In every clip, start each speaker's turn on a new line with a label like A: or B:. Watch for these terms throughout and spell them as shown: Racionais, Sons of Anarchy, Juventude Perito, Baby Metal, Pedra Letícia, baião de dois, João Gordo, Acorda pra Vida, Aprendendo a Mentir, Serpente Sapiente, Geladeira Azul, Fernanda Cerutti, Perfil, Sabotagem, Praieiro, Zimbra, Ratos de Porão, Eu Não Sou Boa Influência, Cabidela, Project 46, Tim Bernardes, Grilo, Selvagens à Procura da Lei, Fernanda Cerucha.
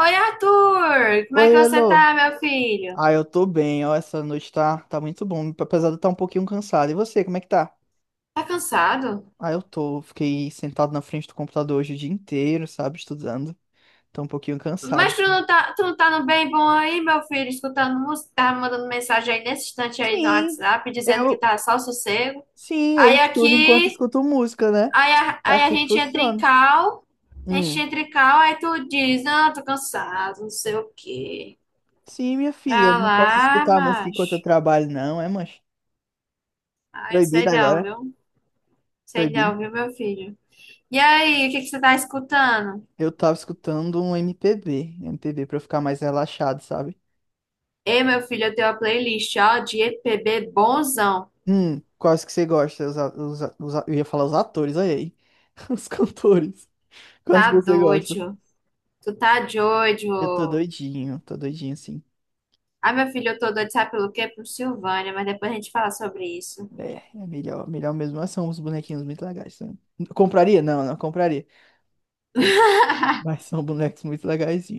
A: Oi, Arthur! Como é que
B: Oi,
A: você
B: Elo.
A: tá, meu filho?
B: Ah, eu tô bem, ó, essa noite tá muito bom, apesar de eu estar um pouquinho cansado. E você, como é que tá?
A: Tá cansado?
B: Ah, fiquei sentado na frente do computador hoje o dia inteiro, sabe, estudando. Tô um pouquinho cansado,
A: Mas
B: assim.
A: tu não tá no bem bom aí, meu filho, escutando música, tá mandando mensagem aí nesse instante aí no
B: Sim,
A: WhatsApp, dizendo que
B: eu,
A: tá só sossego.
B: sim, eu
A: Aí
B: estudo enquanto
A: aqui,
B: escuto música, né? É
A: aí a
B: assim que
A: gente entra em
B: funciona.
A: cal, a gente
B: Hum.
A: entra em cal, aí tu diz, não, tô cansado, não sei o quê.
B: Sim, minha filha, eu
A: Pra
B: não posso
A: lá,
B: escutar música enquanto eu
A: macho.
B: trabalho, não, é, mancha?
A: Ai,
B: Proibido
A: sei não,
B: agora,
A: viu? Sei
B: proibido.
A: não, viu, meu filho? E aí, o que que você tá escutando?
B: Eu tava escutando um MPB, MPB pra eu ficar mais relaxado, sabe?
A: Ei, meu filho, eu tenho uma playlist, ó, de EPB bonzão.
B: Hum. Quais que você gosta? Eu ia falar os atores, olha aí. Os cantores. Quais
A: Tá
B: que você gosta?
A: doido. Tu tá
B: Eu
A: doido.
B: tô doidinho, sim.
A: Ai, meu filho, eu tô doido, sabe pelo quê? Pro Silvânia, mas depois a gente fala sobre isso.
B: É melhor, melhor mesmo. Mas são uns bonequinhos muito legais. São. Compraria? Não, não compraria. Mas são bonecos muito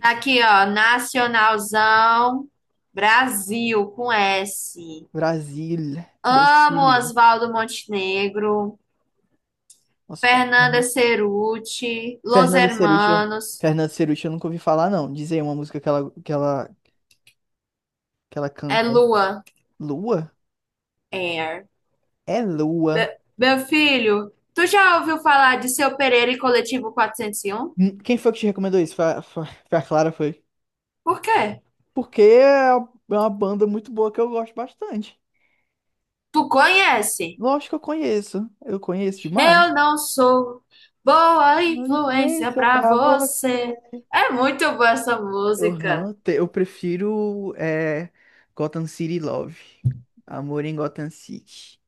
A: Tá aqui, ó, Nacionalzão Brasil, com S.
B: Brasília.
A: Amo
B: Brasília.
A: Oswaldo Montenegro,
B: Nossa, foda.
A: Fernanda
B: Uhum.
A: Cerutti, Los
B: Fernanda Cerucha.
A: Hermanos,
B: Fernanda Cerucha eu nunca ouvi falar, não. Diz aí uma música que ela
A: é
B: canta.
A: Lua
B: Lua?
A: Air.
B: É Lua.
A: Meu filho, tu já ouviu falar de Seu Pereira e Coletivo quatrocentos e um?
B: Quem foi que te recomendou isso? Foi a Clara, foi?
A: Por quê?
B: Porque é uma banda muito boa que eu gosto bastante.
A: Tu conhece?
B: Lógico que eu conheço demais.
A: Eu não sou boa
B: Uma
A: influência
B: influência
A: pra
B: pra
A: você.
B: você.
A: É muito boa essa música.
B: Aham, eu prefiro é Gotham City Love. Amor em Gotham City.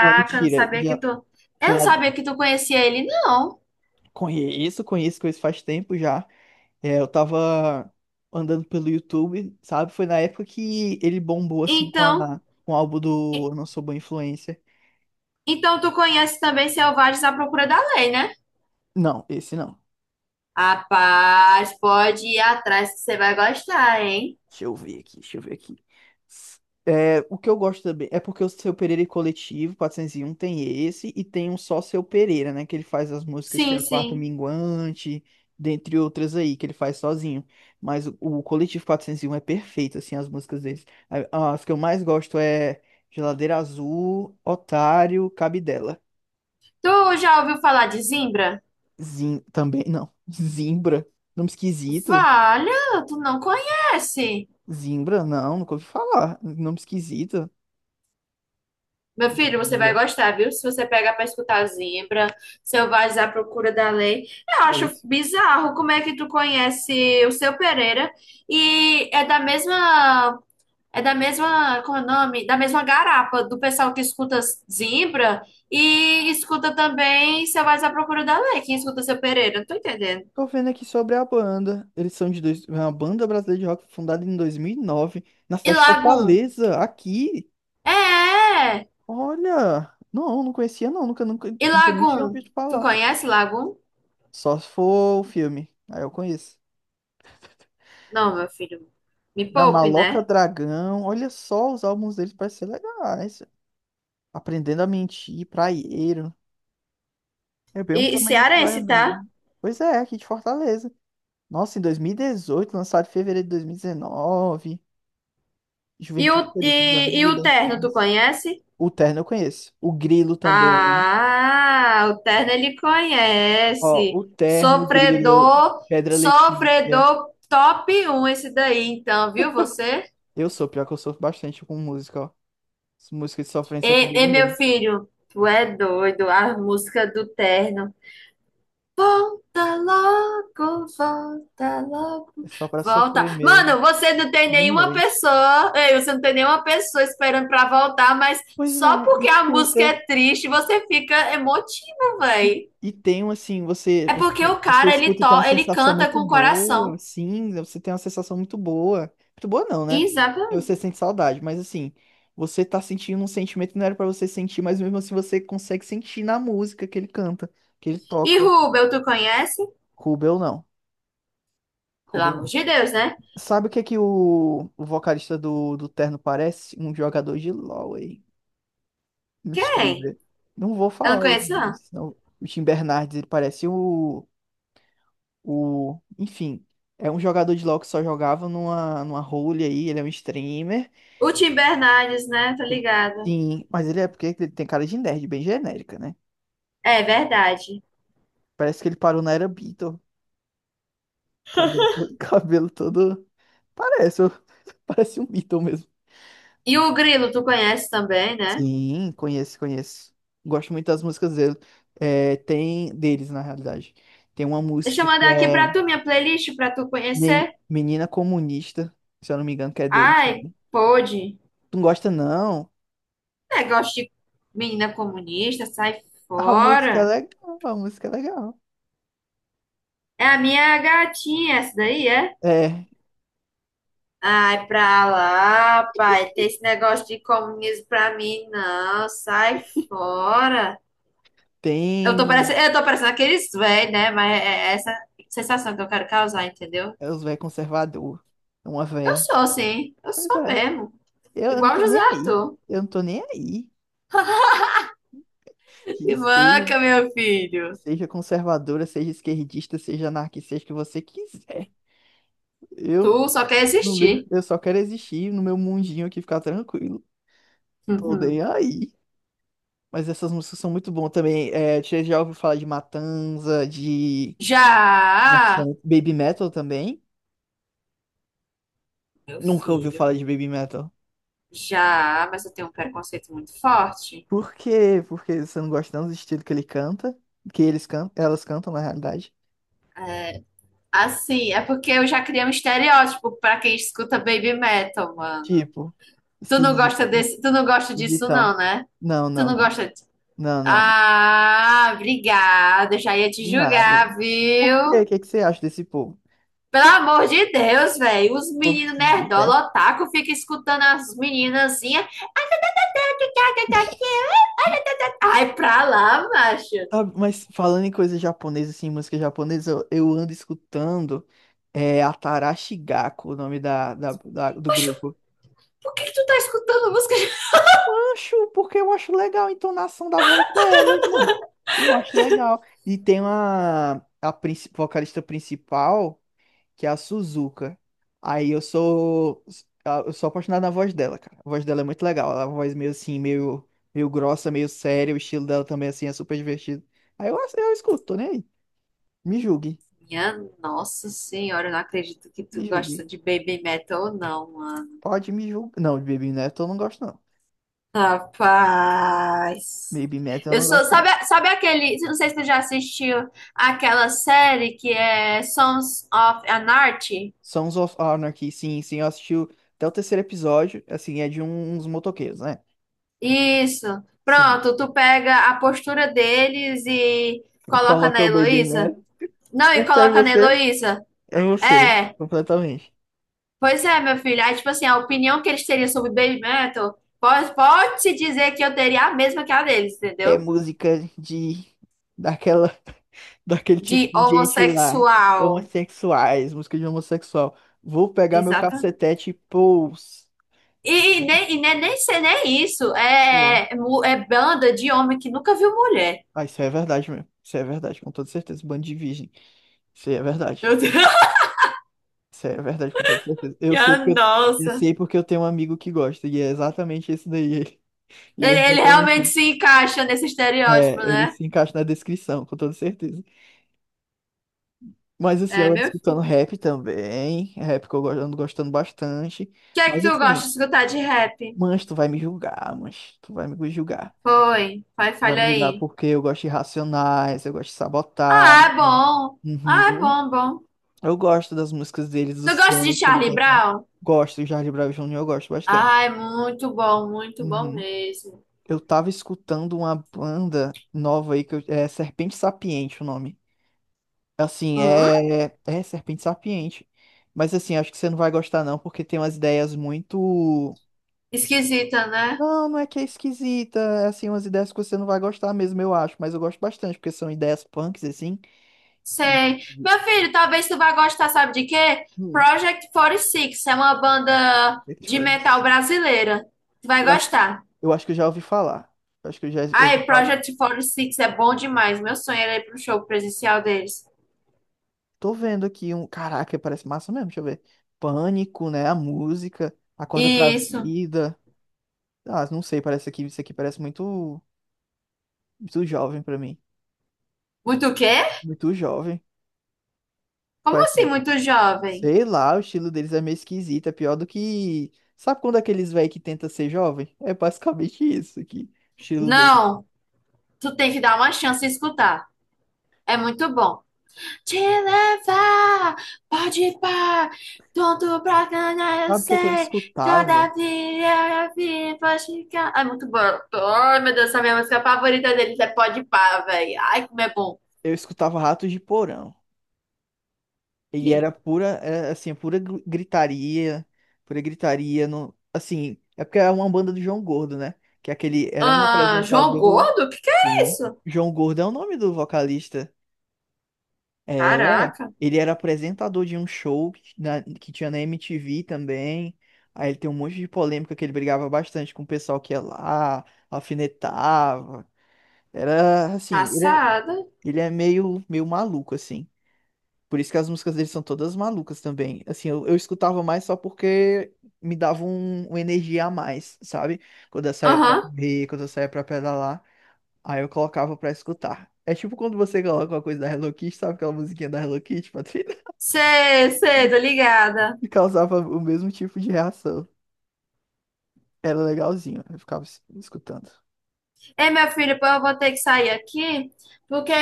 B: Não,
A: eu não
B: mentira.
A: sabia que
B: Já,
A: tu. Eu
B: já
A: não sabia que tu conhecia ele, não.
B: conheço, conheço, conheço faz tempo já. É, eu tava andando pelo YouTube, sabe? Foi na época que ele bombou assim
A: Então,
B: com o álbum do Eu Não Sou Boa Influência.
A: então tu conhece também Selvagens à Procura da Lei, né?
B: Não, esse não.
A: Rapaz, pode ir atrás que você vai gostar, hein?
B: Deixa eu ver aqui, deixa eu ver aqui. S- É, o que eu gosto também é porque o Seu Pereira e Coletivo 401 tem esse e tem um só Seu Pereira, né? Que ele faz as músicas que
A: Sim,
B: é Quarto
A: sim.
B: Minguante, dentre outras aí, que ele faz sozinho. Mas o Coletivo 401 é perfeito, assim, as músicas deles. As que eu mais gosto é Geladeira Azul, Otário, Cabidela.
A: Tu já ouviu falar de Zimbra?
B: Também, não. Zimbra. Nome esquisito.
A: Valha, tu não conhece.
B: Zimbra, não, nunca ouvi falar. Nome esquisito.
A: Meu filho, você vai
B: Zimbra.
A: gostar, viu? Se você pega pra escutar Zimbra, Selvagens à Procura da Lei. Eu
B: É.
A: acho bizarro como é que tu conhece o Seu Pereira e é da mesma. É da mesma. Como é o nome? Da mesma garapa do pessoal que escuta Zimbra e escuta também Selvagens à Procura da Lei. Quem escuta Seu Pereira? Não tô entendendo.
B: Tô vendo aqui sobre a banda. Eles são de dois. É uma banda brasileira de rock fundada em 2009, na
A: E
B: cidade de
A: Lagum?
B: Fortaleza, aqui.
A: É! É.
B: Olha, não, não conhecia não, nunca, nunca,
A: E
B: nunca nem tinha
A: Lagum?
B: ouvido
A: Tu
B: falar.
A: conhece Lagum?
B: Só se for o filme, aí eu conheço.
A: Não, meu filho. Me
B: Na
A: poupe,
B: Maloca
A: né?
B: Dragão, olha só, os álbuns deles parecem ser legais. Aprendendo a Mentir, Praieiro. É bem um
A: E
B: tema de praia
A: cearense, tá?
B: mesmo. Pois é, aqui de Fortaleza. Nossa, em 2018, lançado em fevereiro de 2019. Juventude Perito, os Amigos
A: E o terno, tu
B: Libertinos.
A: conhece?
B: O Terno eu conheço. O Grilo também.
A: Ah, o terno ele
B: Ó,
A: conhece.
B: o Terno, o Grilo,
A: Sofredor,
B: Pedra Letícia.
A: sofredor top um esse daí, então, viu você?
B: Eu sou, pior que eu sofro bastante com música, ó. Música de sofrência comigo
A: Meu
B: mesmo.
A: filho, tu é doido, a música do terno. Volta logo, volta logo.
B: É só pra
A: Volta.
B: sofrer mesmo,
A: Mano, você não tem
B: de
A: nenhuma
B: noite.
A: pessoa, ei, você não tem nenhuma pessoa esperando pra voltar, mas
B: Pois é,
A: só porque a
B: escuta.
A: música é triste, você fica emotivo,
B: E,
A: véi.
B: e tem um assim,
A: É porque o
B: você
A: cara,
B: escuta e tem uma
A: ele
B: sensação
A: canta
B: muito
A: com o
B: boa,
A: coração.
B: assim, você tem uma sensação muito boa. Muito boa não, né? Porque
A: Exatamente.
B: você sente saudade, mas assim, você tá sentindo um sentimento que não era pra você sentir, mas mesmo assim você consegue sentir na música que ele canta, que ele
A: E
B: toca.
A: Rubel, tu conhece?
B: Rubel não.
A: Pelo
B: Rubel
A: amor
B: não.
A: de Deus, né?
B: Sabe o que é que o vocalista do Terno parece? Um jogador de LoL aí, um
A: Quem?
B: streamer. Não vou
A: Eu não
B: falar o
A: conheço,
B: nome,
A: não.
B: senão o Tim Bernardes, ele parece o. O, enfim, é um jogador de LoL que só jogava numa, numa role aí, ele é um streamer.
A: O Tim Bernardes, né? Tá ligada.
B: Sim, mas ele é porque ele tem cara de nerd, bem genérica, né?
A: É verdade.
B: Parece que ele parou na era Beatle. Cabelo, cabelo todo. Parece, parece um Beatle mesmo.
A: E o Grilo, tu conhece também, né?
B: Sim, conheço, conheço. Gosto muito das músicas dele. É, tem deles, na realidade. Tem uma
A: Deixa
B: música
A: eu
B: que
A: mandar aqui
B: é
A: pra tu minha playlist pra tu conhecer.
B: Menina Comunista, se eu não me engano, que é deles
A: Ai,
B: também.
A: pode.
B: Tu não gosta, não?
A: Negócio de menina comunista, sai
B: A música é
A: fora.
B: legal, a música é legal.
A: É a minha gatinha, essa daí, é?
B: É,
A: Ai, pra lá, pai. Tem esse negócio de comunismo pra mim, não. Sai fora.
B: tem
A: Eu tô parecendo aqueles velhos, né? Mas é essa sensação que eu quero causar, entendeu?
B: é os velhos conservador, é uma
A: Eu
B: véia.
A: sou, sim. Eu
B: Pois
A: sou
B: é,
A: mesmo.
B: eu não
A: Igual o
B: tô
A: José
B: nem aí,
A: Arthur.
B: eu não tô nem aí. Que
A: Que
B: seja,
A: manca, meu filho.
B: seja conservadora, seja esquerdista, seja anarquista, seja o que você quiser. Eu
A: Tu só quer
B: não ligo,
A: existir.
B: eu só quero existir no meu mundinho aqui, ficar tranquilo. Tô
A: Uhum.
B: nem aí. Mas essas músicas são muito boas também. É, você já ouviu falar de Matanza, de. Nossa, é
A: Já,
B: Baby Metal também?
A: meu
B: Nunca ouviu
A: filho.
B: falar de Baby Metal?
A: Já, mas eu tenho um preconceito muito forte.
B: Por quê? Porque você não gosta tanto do estilo que ele canta, que eles cantam, elas cantam na realidade.
A: Assim, é porque eu já criei um estereótipo pra quem escuta baby metal, mano.
B: Tipo, esquisito,
A: Tu não gosta disso
B: esquisitão.
A: não, né?
B: Não,
A: Tu
B: não,
A: não
B: não.
A: gosta de...
B: Não, não, não.
A: Ah, obrigada, eu já ia te
B: De nada.
A: julgar,
B: Por quê?
A: viu?
B: O que é que você acha desse povo?
A: Pelo amor de Deus, velho, os
B: Povo
A: meninos
B: esquisito, é?
A: nerdola, otaku, fica escutando as meninazinhas. Ai, pra lá, macho.
B: Sabe, mas falando em coisa japonesa, assim, música japonesa, eu ando escutando a Tarashi Gako, o nome do
A: Macho,
B: grupo.
A: por que que tu tá escutando música.
B: Acho, porque eu acho legal a entonação da voz delas, mano. Eu acho legal. E tem uma vocalista principal, que é a Suzuka. Aí eu sou apaixonado na voz dela, cara. A voz dela é muito legal. Ela é uma voz meio assim, meio grossa, meio séria, o estilo dela também assim é super divertido. Aí eu escuto, tô nem aí. Me julgue,
A: Minha nossa senhora, eu não acredito que tu
B: me
A: gosta
B: julgue.
A: de baby metal ou não, mano.
B: Pode me julgar. Não, de Baby Metal eu não gosto não.
A: Rapaz.
B: Baby Metal eu
A: Eu
B: não
A: sou,
B: gosto.
A: sabe, sabe aquele, não sei se tu já assistiu aquela série que é Sons of Anarchy?
B: Sons of Anarchy, sim, sim, eu assisti até o terceiro episódio, assim, é de uns motoqueiros, né?
A: Isso.
B: Sim.
A: Pronto, tu pega a postura deles e coloca
B: Coloca
A: na
B: o Baby
A: Heloísa.
B: Man.
A: Não,
B: É
A: e
B: sério
A: coloca na
B: você?
A: Heloísa.
B: É você,
A: É.
B: completamente.
A: Pois é, meu filho. Aí, tipo assim, a opinião que eles teriam sobre Baby Metal pode, pode se dizer que eu teria a mesma que a deles,
B: É
A: entendeu?
B: música de daquela daquele
A: De
B: tipo de gente lá,
A: homossexual.
B: homossexuais, música de homossexual. Vou pegar meu
A: Exato.
B: cacetete e pôs.
A: E, e nem, nem ser nem isso. É,
B: É.
A: é, mu- é banda de homem que nunca viu mulher.
B: Ah, isso é verdade mesmo. Isso é verdade, com toda certeza. Bando de virgem. Isso aí é verdade.
A: Meu Deus.
B: Isso é verdade, com toda certeza. Eu sei
A: Minha
B: porque eu, eu
A: nossa.
B: sei porque eu tenho um amigo que gosta, e é exatamente isso daí. Ele é
A: Ele
B: exatamente
A: realmente
B: isso.
A: se encaixa nesse estereótipo,
B: É, ele
A: né?
B: se encaixa na descrição, com toda certeza. Mas assim,
A: É,
B: eu ando
A: meu. O
B: escutando rap também. Rap que eu ando gostando bastante.
A: que é que
B: Mas
A: tu gosta
B: assim,
A: de escutar de rap?
B: mas tu vai me julgar, mas tu vai me julgar.
A: Foi. Vai,
B: Vai
A: falha
B: me julgar
A: aí.
B: porque eu gosto de Racionais, eu gosto de
A: Ah, é
B: Sabotagem.
A: bom. Ah, é
B: Uhum.
A: bom, bom.
B: Eu gosto das músicas deles,
A: Tu
B: dos
A: gosta de
B: temas que eles
A: Charlie
B: cantam.
A: Brown?
B: Gosto, Jorge Bravo Júnior, eu gosto bastante.
A: Ai, muito bom
B: Uhum.
A: mesmo.
B: Eu tava escutando uma banda nova aí é Serpente Sapiente o nome. Assim,
A: Hum?
B: é Serpente Sapiente. Mas assim, acho que você não vai gostar não, porque tem umas ideias muito.
A: Esquisita, né?
B: Não, não é que é esquisita, é assim umas ideias que você não vai gostar mesmo, eu acho, mas eu gosto bastante, porque são ideias punks assim. E
A: Sei. Meu filho, talvez tu vá gostar, sabe de quê?
B: hum,
A: Project 46 é uma banda
B: Dead
A: de metal
B: Furnace.
A: brasileira. Tu vai
B: eu acho,
A: gostar.
B: eu acho que eu já ouvi falar. Eu acho que eu já ouvi
A: Ai,
B: falar.
A: Project 46 é bom demais. Meu sonho era ir pro show presencial deles.
B: Tô vendo aqui um. Caraca, parece massa mesmo, deixa eu ver. Pânico, né? A música, Acorda pra
A: Isso.
B: Vida. Ah, não sei, parece aqui, isso aqui parece muito, muito jovem pra mim.
A: Muito o quê?
B: Muito jovem.
A: Como
B: Parece,
A: assim,
B: muito.
A: muito jovem?
B: Sei lá, o estilo deles é meio esquisito, é pior do que. Sabe quando aqueles velhos que tenta ser jovem? É basicamente isso aqui, o estilo dele.
A: Não, tu tem que dar uma chance e escutar. É muito bom. Te levar, pode pá, tudo pra ganhar, eu
B: Sabe o que é que eu
A: sei. Toda
B: escutava?
A: vida eu vi, pode ficar. Ai, muito bom. Ai, meu Deus, essa é a minha música favorita deles é Pode pá, velho. Ai, como é bom.
B: Eu escutava Ratos de Porão. E era pura, era, assim, pura gritaria, pura gritaria no, assim, é porque era uma banda do João Gordo, né? Que é aquele era um
A: Ah, João
B: apresentador,
A: Gordo? O que que é
B: sim.
A: isso?
B: João Gordo é o nome do vocalista. É,
A: Caraca,
B: ele era apresentador de um show que tinha na MTV também. Aí ele tem um monte de polêmica que ele brigava bastante com o pessoal que ia lá, alfinetava. Era assim, ele é,
A: passada.
B: ele é meio maluco assim. Por isso que as músicas dele são todas malucas também. Assim, eu escutava mais só porque me dava uma energia a mais, sabe? Quando eu saía pra
A: Aham,
B: correr, quando eu saía pra pedalar, aí eu colocava pra escutar. É tipo quando você coloca uma coisa da Hello Kitty, sabe aquela musiquinha da Hello Kitty, Patrícia?
A: sei, sei, tô ligada.
B: E causava o mesmo tipo de reação. Era legalzinho, eu ficava escutando.
A: Ei, meu filho, pô, eu vou ter que sair aqui, porque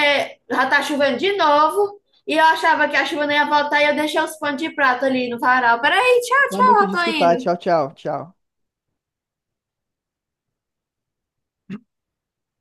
A: já tá chovendo de novo. E eu achava que a chuva não ia voltar e eu deixei os panos de prato ali no varal. Peraí, tchau,
B: Não é
A: tchau,
B: muito
A: eu
B: de
A: tô
B: escutar. Tchau,
A: indo.
B: tchau, tchau.